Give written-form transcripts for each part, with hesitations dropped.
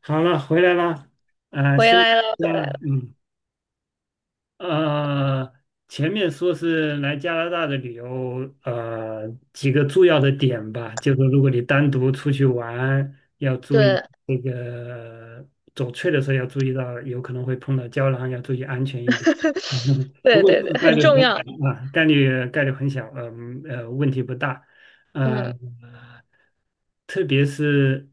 好了，回来了，嗯，回休息来了，一回下来了，了，嗯。呃，前面说是来加拿大的旅游，几个重要的点吧，就是如果你单独出去玩，要注意对，这个走翠的时候要注意到，有可能会碰到胶囊，要注意安全一点。不对过对这对，个概很率很重要。小啊，概率很小，问题不大，呃，嗯特别是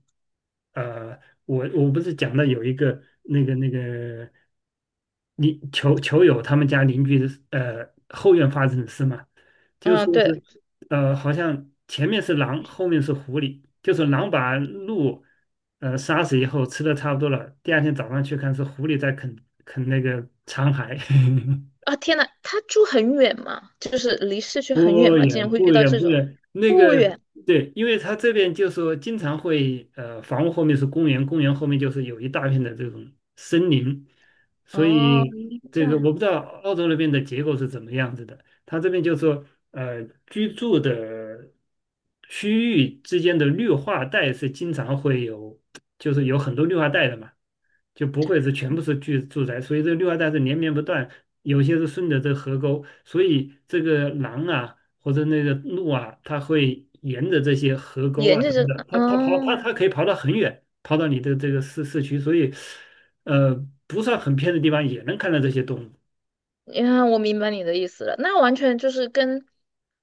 呃，我不是讲到有一个那个。你球友他们家邻居的后院发生的事嘛，就嗯，说是对好像前面是狼，后面是狐狸，就是狼把鹿杀死以后吃的差不多了，第二天早上去看是狐狸在啃那个残骸，啊，天呐，他住很远吗？就是离市区很远不吗？竟然远会遇不到远这不种远，那不个远对，因为他这边就说经常会，房屋后面是公园，公园后面就是有一大片的这种森林，所哦，以这这个样我不知道澳洲那边的结构是怎么样子的。他这边就说呃，居住的区域之间的绿化带是经常会有，就是有很多绿化带的嘛。就不会是全部是住宅，所以这绿化带是连绵不断，有些是顺着这河沟，所以这个狼啊或者那个鹿啊，它会沿着这些河沟沿啊着什这么的，个它它跑它哦，它可以跑到很远，跑到你的这个市区，所以呃不算很偏的地方也能看到这些动物，你看，我明白你的意思了。那完全就是跟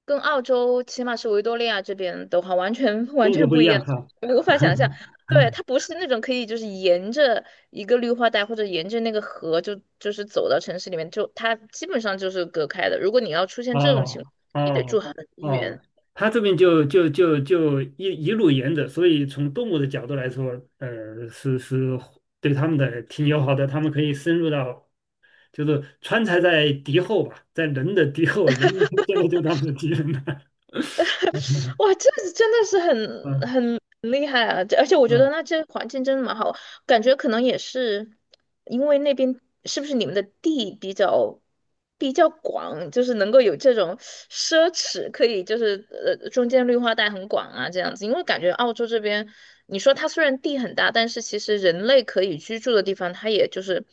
跟澳洲，起码是维多利亚这边的话，完全完中国全不不一一样样，哈。我无法想象。对，它不是那种可以就是沿着一个绿化带或者沿着那个河就是走到城市里面，就它基本上就是隔开的。如果你要出现这种情况，哦你得住哦很远。哦，他这边就一路沿着，所以从动物的角度来说，是对他们的挺友好的，他们可以深入到，就是川菜在敌后吧，在人的敌后，人 现在就是他们的敌人了。哇，这真的是很嗯很厉害啊！这而且我觉嗯得那这环境真的蛮好。感觉可能也是因为那边是不是你们的地比较广，就是能够有这种奢侈，可以就是中间绿化带很广啊这样子。因为感觉澳洲这边，你说它虽然地很大，但是其实人类可以居住的地方，它也就是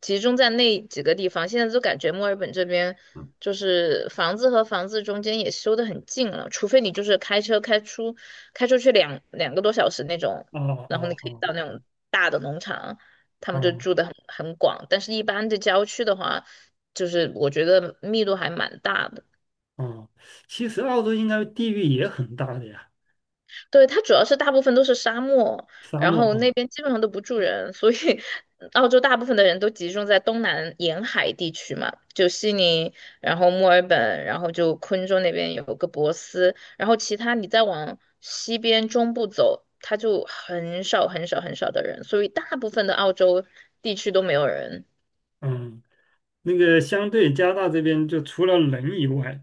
集中在那几个地方。现在就感觉墨尔本这边。就是房子和房子中间也修得很近了，除非你就是开车开出去两个多小时那种，哦然后你哦可以哦到那种大的农场，他们就哦住的很广。但是，一般的郊区的话，就是我觉得密度还蛮大的。哦，其实澳洲应该地域也很大的呀，对，它主要是大部分都是沙漠，沙然漠后那啊，边基本上都不住人，所以澳洲大部分的人都集中在东南沿海地区嘛，就悉尼，然后墨尔本，然后就昆州那边有个珀斯，然后其他你再往西边中部走，它就很少很少很少的人，所以大部分的澳洲地区都没有人。嗯，那个相对加拿大这边就除了人以外。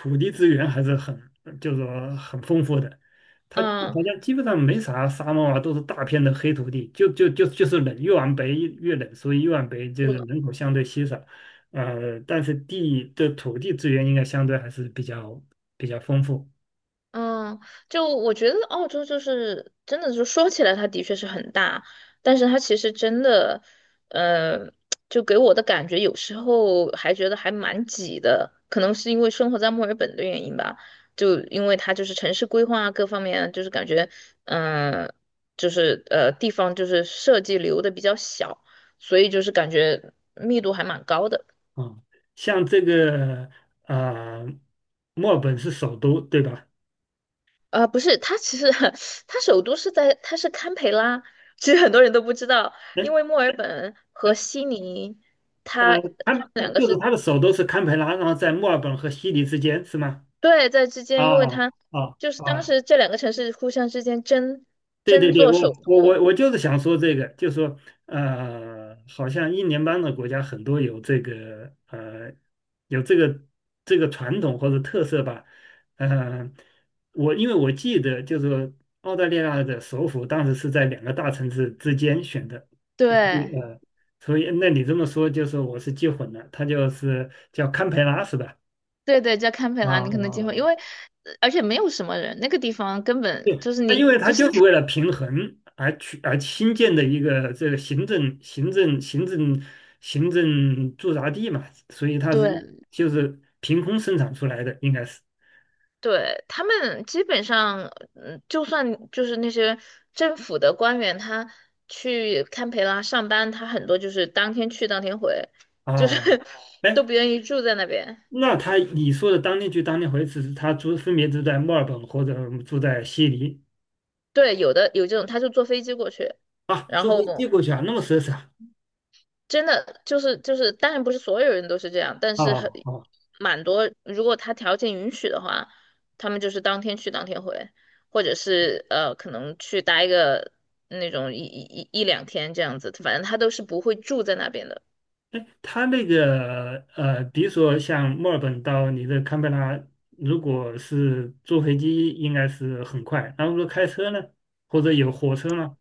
土地资源还是很，就是说很丰富的。它好嗯，像基本上没啥沙漠啊，都是大片的黑土地，就是冷，越往北越冷，所以越往北就是是的，人口相对稀少。但是地的土地资源应该相对还是比较丰富嗯，就我觉得澳洲就是真的，就说起来它的确是很大，但是它其实真的，呃，就给我的感觉有时候还觉得还蛮挤的，可能是因为生活在墨尔本的原因吧，就因为它就是城市规划啊各方面啊，就是感觉，嗯、就是地方就是设计留的比较小，所以就是感觉密度还蛮高的。啊。像这个啊、墨尔本是首都，对吧？不是，它其实 它首都是在，它是堪培拉。其实很多人都不知道，哎因为墨尔本和哎悉尼，呃，它它堪们两个就是是它的首都是堪培拉，然后在墨尔本和悉尼之间，是吗？对在之啊间，因为它啊就是当啊！时这两个城市互相之间争对对争对，做我首我我都。我就是想说这个，就说好像英联邦的国家很多有这个传统或者特色吧，呃，因为我记得就是说澳大利亚的首府当时是在两个大城市之间选的，呃所以对呃，所以那你这么说就是我是记混了，它就是叫堪培拉是吧？对对，叫堪培啊拉，啊你可能机会，因为啊！而且没有什么人，那个地方根本就对，是因你为他就是 就是 为了平衡而新建的一个这个行政行政行政行政驻扎地嘛，所以对就是凭空生产出来的，应该是。对，他们基本上，就算就是那些政府的官员，他去堪培拉上班，他很多就是当天去当天回，就是 哦，都哎，不愿意住在那边。那你说的当天去当天回，只是他分别住在墨尔本或者住在悉尼对，有的有这种，他就坐飞机过去，啊，然坐后飞机过去啊，那么奢侈啊？真的就是，当然不是所有人都是这样，但是很哦哦蛮多，如果他条件允许的话，他们就是当天去当天回，或者是可能去待个那种一两天这样子，反正他都是不会住在那边的。哎，它那个呃，比如说像墨尔本到你的堪培拉，如果是坐飞机，应该是很快。然后说开车呢，或者有火车呢？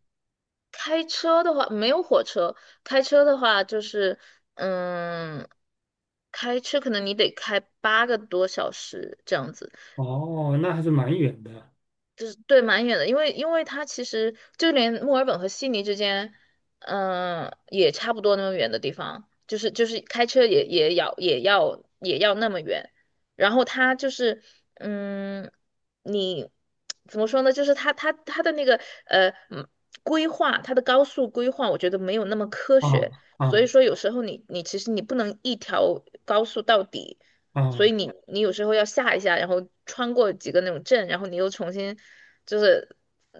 开车的话没有火车，开车的话就是嗯，开车可能你得开8个多小时这样子。哦，那还是蛮远的就是对蛮远的，因为它其实就连墨尔本和悉尼之间，也差不多那么远的地方，就是开车也要那么远，然后它就是嗯，你怎么说呢？就是它的那个呃嗯规划，它的高速规划，我觉得没有那么科啊学，所啊以说有时候你其实你不能一条高速到底。所啊以你有时候要下一下，然后穿过几个那种镇，然后你又重新就是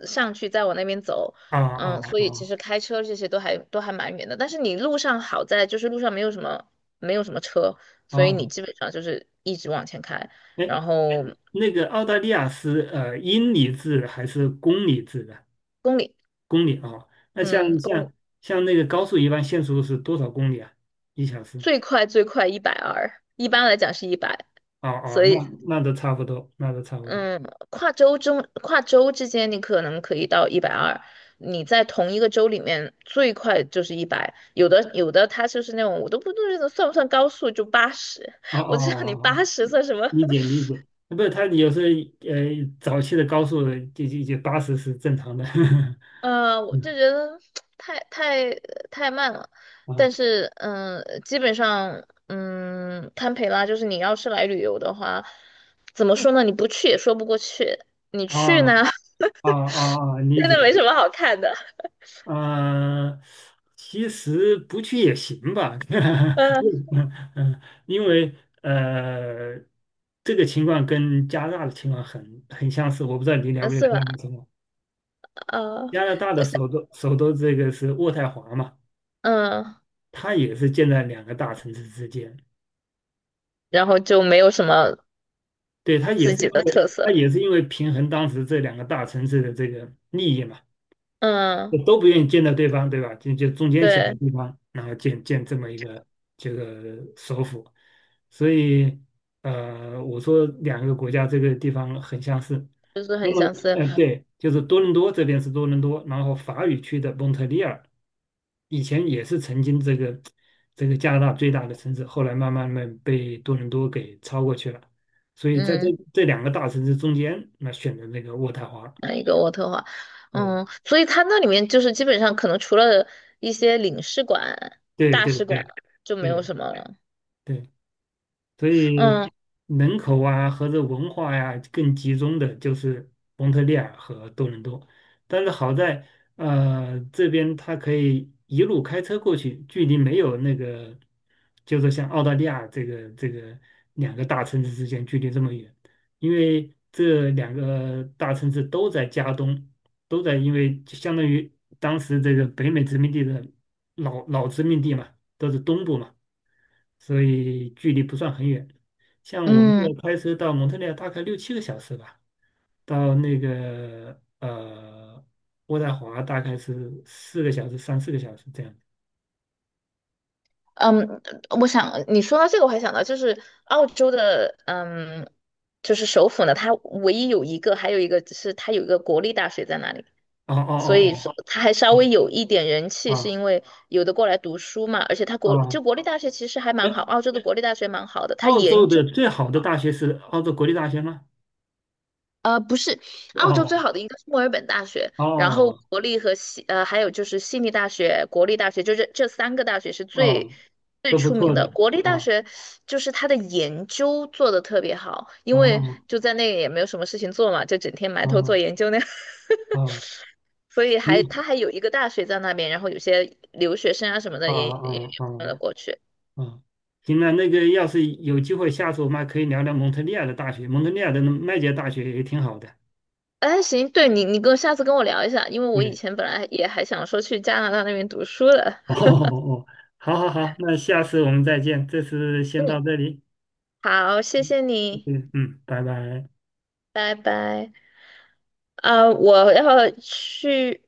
上去，再往那边走。啊嗯，啊所以其啊实开车这些都还蛮远的，但是你路上好在就是路上没有什么车，所以你啊！基本上就是一直往前开，哎，然后那个澳大利亚是英里制还是公里制的？公里，公里啊，那嗯，像公里像像那个高速一般限速是多少公里啊？1小时？最快一百二，一般来讲是一百，哦哦，所那以那都差不多，那都差不多。嗯，跨州之间，你可能可以到一百二。你在同一个州里面，最快就是一百。有的，它就是那种，我都不知道算不算高速，就八十。哦哦 我知哦，道你八哦，十算什么？理解 理解，哎不是他有时候呃早期的高速就80是正常的，我就嗯觉得太太太慢了。但啊是，基本上，堪培拉就是你要是来旅游的话，怎么说呢？你不去也说不过去，你去啊呢，啊，哦哦，理真的解，没什么好看的。啊，其实不去也行吧，嗯，嗯嗯，因为呃这个情况跟加拿大的情况很很相似，我不知道你了不了解是加吧？拿大情况，呃，加拿大的就是首都这个是渥太华嘛。嗯，它也是建在两个大城市之间，然后就没有什么对，自己的特色，他也是因为平衡当时这两个大城市的这个利益嘛，嗯，都不愿意见到对方，对吧？就中间选个对，地方，然后建这么一个这个首府，所以我说两个国家这个地方很相似。就是那很么，相似，嗯、对，就是多伦多这边是多伦多，然后法语区的蒙特利尔，以前也是曾经这个加拿大最大的城市，后来慢慢被多伦多给超过去了。所以在这嗯，这两个大城市中间，那选的那个渥太华，那一个渥特华，嗯，嗯，所以它那里面就是基本上可能除了一些领事馆、对大对使馆对。就没有对什么了，对，所以嗯人口啊和这文化呀、更集中的就是蒙特利尔和多伦多，但是好在这边它可以一路开车过去，距离没有那个，就是像澳大利亚这个两个大城市之间距离这么远，因为这两个大城市都在加东，都在因为就相当于当时这个北美殖民地的。老殖民地嘛，都是东部嘛，所以距离不算很远。像我们这嗯开车到蒙特利尔大概6、7个小时吧，到那个渥太华大概是四个小时、3、4个小时这样。嗯，我想你说到这个，我还想到就是澳洲的，就是首府呢，它唯一有一个，还有一个是它有一个国立大学在那里。哦所以说哦他还稍哦微哦有一点人气，是哦因为有的过来读书嘛，而且他哦哦！国立大学其实还蛮好，哎，澳洲的国立大学蛮好的，他澳研洲究的最好的大学是澳洲国立大学吗？不是澳洲最哦好的应该是墨尔本大学，然后哦国立和还有就是悉尼大学、国立大学，就这三个大学是最。哦，最都不出名错的的。国立大哦学，就是他的研究做的特别好，因哦为就在那也没有什么事情做嘛，就整天埋头做哦研究那样。哦，所以还他行还有一个大学在那边，然后有些留学生啊什么的啊啊也啊！搬哦了过去。哦啊，行了，那个要是有机会，下次我们还可以聊聊蒙特利尔的大学，蒙特利尔的麦杰大学也挺好的。哎，行，对你下次跟我聊一下，因为我以对，前本来也还想说去加拿大那边读书的。哦哦哦，好好好，那下次我们再见，这次先到嗯，这里，好，谢谢你，嗯嗯，拜拜。拜拜。啊、我要去。